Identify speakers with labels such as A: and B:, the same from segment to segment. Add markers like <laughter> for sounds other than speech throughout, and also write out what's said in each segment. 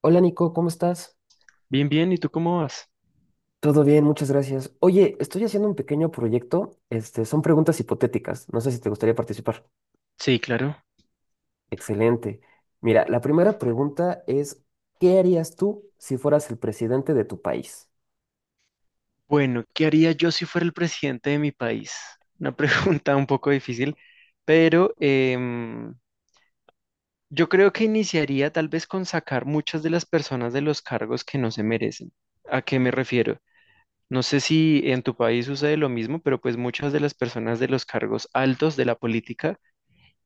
A: Hola Nico, ¿cómo estás?
B: Bien, bien, ¿y tú cómo vas?
A: Todo bien, muchas gracias. Oye, estoy haciendo un pequeño proyecto. Este, son preguntas hipotéticas. No sé si te gustaría participar.
B: Sí, claro.
A: Excelente. Mira, la primera pregunta es, ¿qué harías tú si fueras el presidente de tu país?
B: Bueno, ¿qué haría yo si fuera el presidente de mi país? Una <laughs> pregunta un poco difícil, pero yo creo que iniciaría tal vez con sacar muchas de las personas de los cargos que no se merecen. ¿A qué me refiero? No sé si en tu país sucede lo mismo, pero pues muchas de las personas de los cargos altos de la política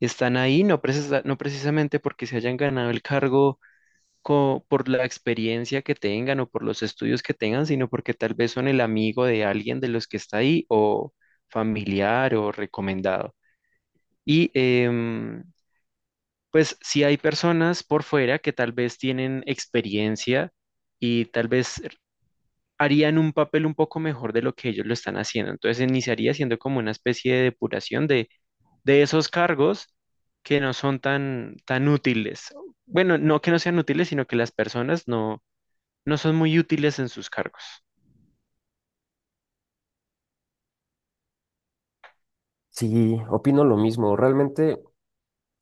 B: están ahí, no precisamente porque se hayan ganado el cargo por la experiencia que tengan o por los estudios que tengan, sino porque tal vez son el amigo de alguien de los que está ahí o familiar o recomendado. Y pues si hay personas por fuera que tal vez tienen experiencia y tal vez harían un papel un poco mejor de lo que ellos lo están haciendo. Entonces iniciaría siendo como una especie de depuración de esos cargos que no son tan, tan útiles. Bueno, no que no sean útiles, sino que las personas no, no son muy útiles en sus cargos.
A: Sí, opino lo mismo. Realmente,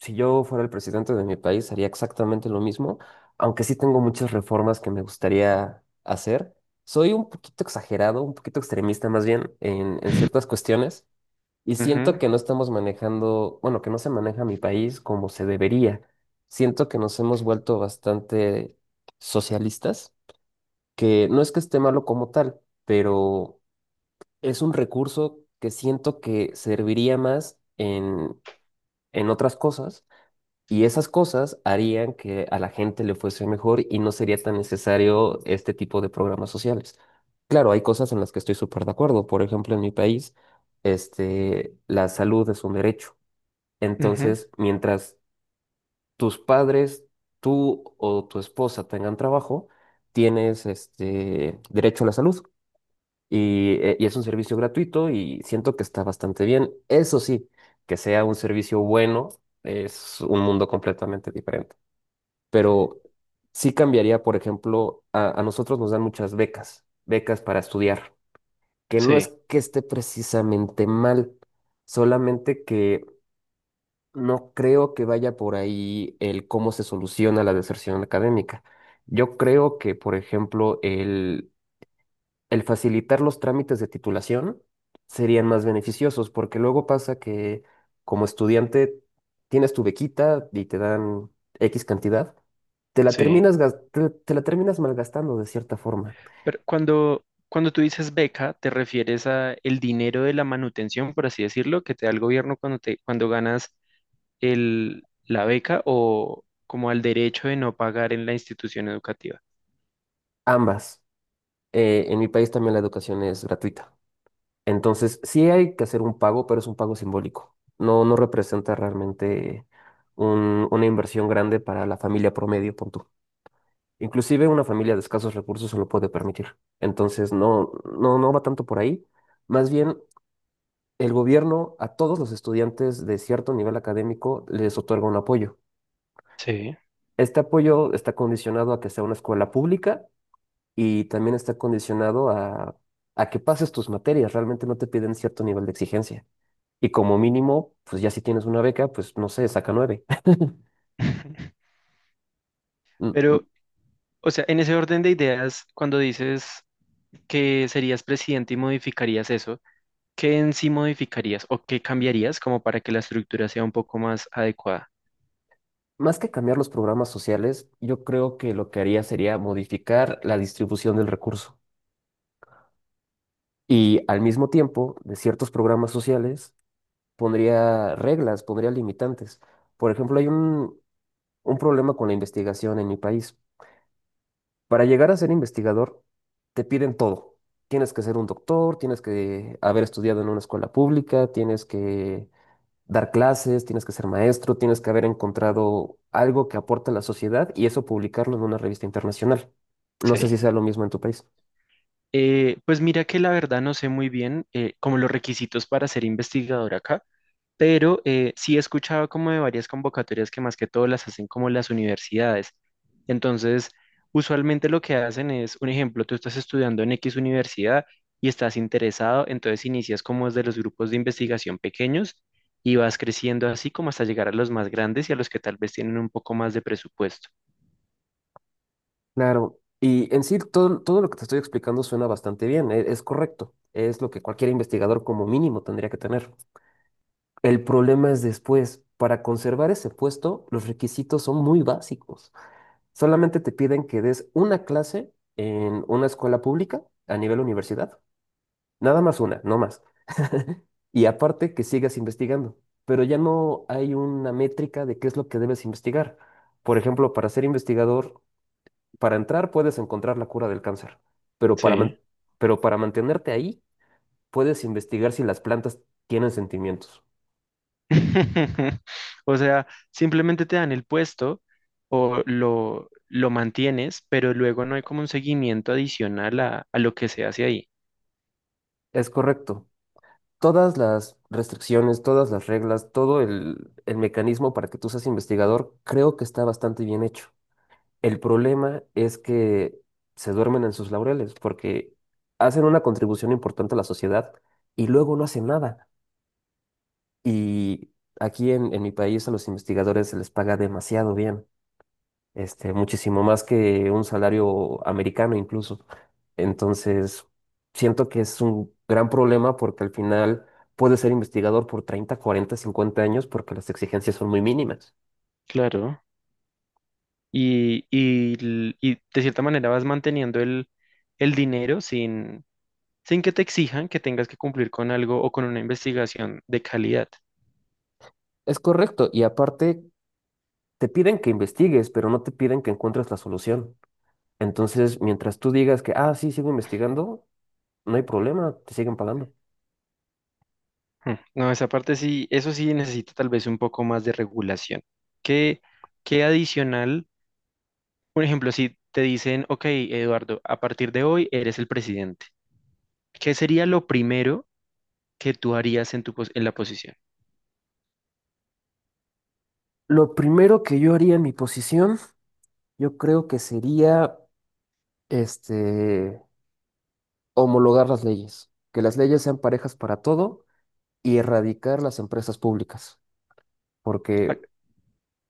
A: si yo fuera el presidente de mi país, haría exactamente lo mismo, aunque sí tengo muchas reformas que me gustaría hacer. Soy un poquito exagerado, un poquito extremista más bien en ciertas cuestiones. Y siento que no estamos manejando, bueno, que no se maneja mi país como se debería. Siento que nos hemos vuelto bastante socialistas, que no es que esté malo como tal, pero es un recurso que siento que serviría más en otras cosas y esas cosas harían que a la gente le fuese mejor y no sería tan necesario este tipo de programas sociales. Claro, hay cosas en las que estoy súper de acuerdo. Por ejemplo, en mi país, este, la salud es un derecho
B: Ujú, ujú,
A: entonces, mientras tus padres, tú o tu esposa tengan trabajo, tienes este derecho a la salud y es un servicio gratuito y siento que está bastante bien. Eso sí, que sea un servicio bueno es un mundo completamente diferente. Pero sí cambiaría, por ejemplo, a nosotros nos dan muchas becas, becas para estudiar, que no es
B: sí,
A: que esté precisamente mal, solamente que no creo que vaya por ahí el cómo se soluciona la deserción académica. Yo creo que, por ejemplo, el facilitar los trámites de titulación serían más beneficiosos, porque luego pasa que como estudiante tienes tu bequita y te dan X cantidad, te la
B: sí.
A: terminas, te la terminas malgastando de cierta forma.
B: Pero cuando tú dices beca, te refieres a el dinero de la manutención, por así decirlo, que te da el gobierno cuando te, cuando ganas el, la beca o como al derecho de no pagar en la institución educativa.
A: Ambas. En mi país también la educación es gratuita. Entonces, sí hay que hacer un pago, pero es un pago simbólico. No, no representa realmente una inversión grande para la familia promedio, pon tú. Inclusive una familia de escasos recursos se lo puede permitir. Entonces, no, no, no va tanto por ahí. Más bien, el gobierno a todos los estudiantes de cierto nivel académico les otorga un apoyo.
B: Sí.
A: Este apoyo está condicionado a que sea una escuela pública y también está condicionado a que pases tus materias. Realmente no te piden cierto nivel de exigencia. Y como mínimo, pues ya si tienes una beca, pues no sé, saca nueve. <laughs>
B: <laughs>
A: M- m-
B: Pero, o sea, en ese orden de ideas, cuando dices que serías presidente y modificarías eso, ¿qué en sí modificarías o qué cambiarías como para que la estructura sea un poco más adecuada?
A: Más que cambiar los programas sociales, yo creo que lo que haría sería modificar la distribución del recurso. Y al mismo tiempo, de ciertos programas sociales, pondría reglas, pondría limitantes. Por ejemplo, hay un problema con la investigación en mi país. Para llegar a ser investigador, te piden todo. Tienes que ser un doctor, tienes que haber estudiado en una escuela pública, tienes que dar clases, tienes que ser maestro, tienes que haber encontrado algo que aporte a la sociedad y eso publicarlo en una revista internacional. No
B: Sí,
A: sé si sea lo mismo en tu país.
B: Pues mira que la verdad no sé muy bien como los requisitos para ser investigador acá, pero sí he escuchado como de varias convocatorias que más que todo las hacen como las universidades. Entonces, usualmente lo que hacen es, un ejemplo, tú estás estudiando en X universidad y estás interesado, entonces inicias como desde los grupos de investigación pequeños y vas creciendo así como hasta llegar a los más grandes y a los que tal vez tienen un poco más de presupuesto.
A: Claro, y en sí todo, todo lo que te estoy explicando suena bastante bien, es, correcto, es lo que cualquier investigador como mínimo tendría que tener. El problema es después, para conservar ese puesto, los requisitos son muy básicos. Solamente te piden que des una clase en una escuela pública a nivel universidad. Nada más una, no más. <laughs> Y aparte que sigas investigando, pero ya no hay una métrica de qué es lo que debes investigar. Por ejemplo, para ser investigador, para entrar puedes encontrar la cura del cáncer, pero pero para mantenerte ahí puedes investigar si las plantas tienen sentimientos.
B: <laughs> O sea, simplemente te dan el puesto o lo mantienes, pero luego no hay como un seguimiento adicional a lo que se hace ahí.
A: Es correcto. Todas las restricciones, todas las reglas, todo el mecanismo para que tú seas investigador, creo que está bastante bien hecho. El problema es que se duermen en sus laureles porque hacen una contribución importante a la sociedad y luego no hacen nada. Y aquí en mi país a los investigadores se les paga demasiado bien, este, muchísimo más que un salario americano incluso. Entonces, siento que es un gran problema porque al final puedes ser investigador por 30 40 50 años porque las exigencias son muy mínimas.
B: Claro, y, y de cierta manera vas manteniendo el dinero sin, sin que te exijan que tengas que cumplir con algo o con una investigación de calidad.
A: Es correcto, y aparte te piden que investigues, pero no te piden que encuentres la solución. Entonces, mientras tú digas que, ah, sí, sigo investigando, no hay problema, te siguen pagando.
B: Hmm. No, esa parte sí, eso sí necesita tal vez un poco más de regulación. ¿Qué, qué adicional? Un ejemplo, si te dicen, ok, Eduardo, a partir de hoy eres el presidente, ¿qué sería lo primero que tú harías en tu en la posición?
A: Lo primero que yo haría en mi posición, yo creo que sería, este, homologar las leyes, que las leyes sean parejas para todo y erradicar las empresas públicas, porque,
B: ¿A,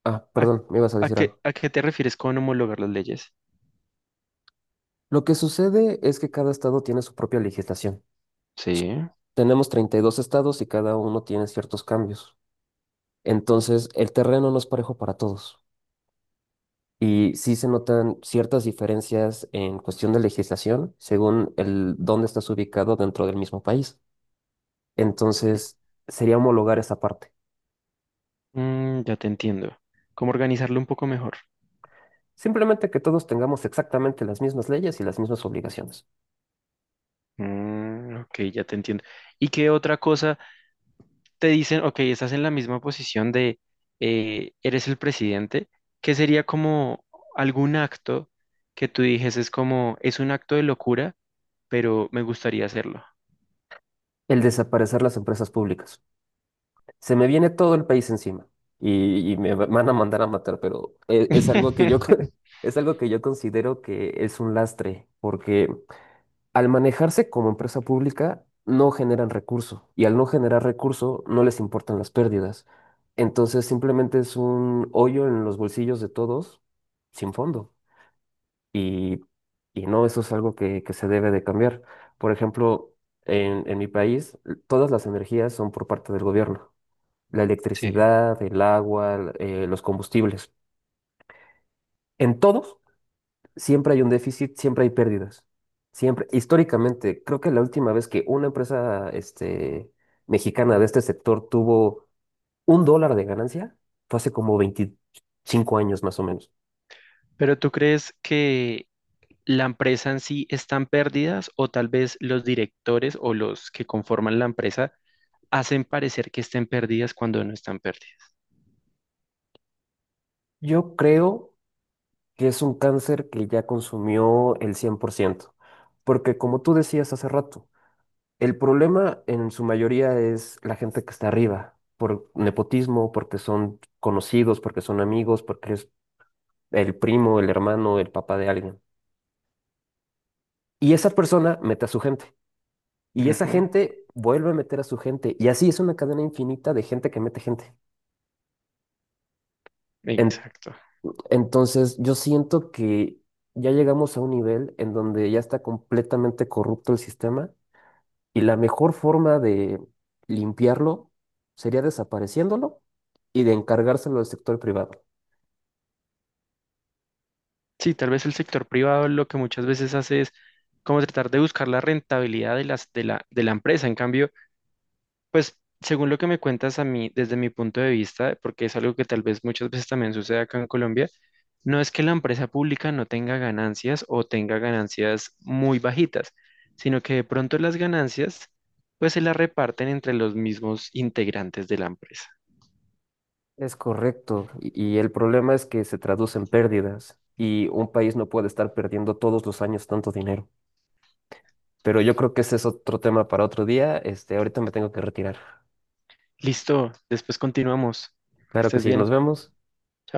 A: ah,
B: a-
A: perdón, me ibas a decir algo.
B: a qué te refieres con homologar las leyes?
A: Lo que sucede es que cada estado tiene su propia legislación.
B: Sí.
A: S- Tenemos 32 estados y cada uno tiene ciertos cambios. Entonces, el terreno no es parejo para todos. Y sí se notan ciertas diferencias en cuestión de legislación según el dónde estás ubicado dentro del mismo país. Entonces, sería homologar esa parte.
B: Mm, ya te entiendo. ¿Cómo organizarlo un poco mejor?
A: Simplemente que todos tengamos exactamente las mismas leyes y las mismas obligaciones.
B: Mm, ok, ya te entiendo. ¿Y qué otra cosa te dicen, ok, estás en la misma posición de eres el presidente? ¿Qué sería como algún acto que tú dijes es como, es un acto de locura? Pero me gustaría hacerlo.
A: El desaparecer las empresas públicas. Se me viene todo el país encima y van a mandar a matar, pero es, algo que yo,
B: <laughs>
A: con- <laughs> es algo que yo considero que es un lastre porque al manejarse como empresa pública, no generan recurso y al no generar recurso no les importan las pérdidas. Entonces simplemente es un hoyo en los bolsillos de todos sin fondo. Y, y no, eso es algo que se debe de cambiar. Por ejemplo, en mi país, todas las energías son por parte del gobierno. La
B: Sí.
A: electricidad, el agua, los combustibles. En todos siempre hay un déficit, siempre hay pérdidas. Siempre, históricamente, creo que la última vez que una empresa este, mexicana de este sector tuvo un dólar de ganancia fue hace como 25 años más o menos.
B: Pero ¿tú crees que la empresa en sí está en pérdidas o tal vez los directores o los que conforman la empresa hacen parecer que estén pérdidas cuando no están pérdidas?
A: Yo creo que es un cáncer que ya consumió el 100% porque como tú decías hace rato, el problema en su mayoría es la gente que está arriba, por nepotismo, porque son conocidos, porque son amigos, porque es el primo, el hermano, el papá de alguien. Y esa persona mete a su gente. Y esa
B: Ujú,
A: gente vuelve a meter a su gente. Y así es una cadena infinita de gente que mete gente. En-
B: exacto.
A: entonces, yo siento que ya llegamos a un nivel en donde ya está completamente corrupto el sistema y la mejor forma de limpiarlo sería desapareciéndolo y de encargárselo al sector privado.
B: Sí, tal vez el sector privado lo que muchas veces hace es como tratar de buscar la rentabilidad de las, de la empresa. En cambio, pues según lo que me cuentas a mí, desde mi punto de vista, porque es algo que tal vez muchas veces también sucede acá en Colombia, no es que la empresa pública no tenga ganancias o tenga ganancias muy bajitas, sino que de pronto las ganancias pues se las reparten entre los mismos integrantes de la empresa.
A: Es correcto. Y el problema es que se traduce en pérdidas y un país no puede estar perdiendo todos los años tanto dinero. Pero yo creo que ese es otro tema para otro día. Este, ahorita me tengo que retirar.
B: Listo, después continuamos. Que
A: Claro que
B: estés
A: sí, nos
B: bien.
A: vemos.
B: Chao.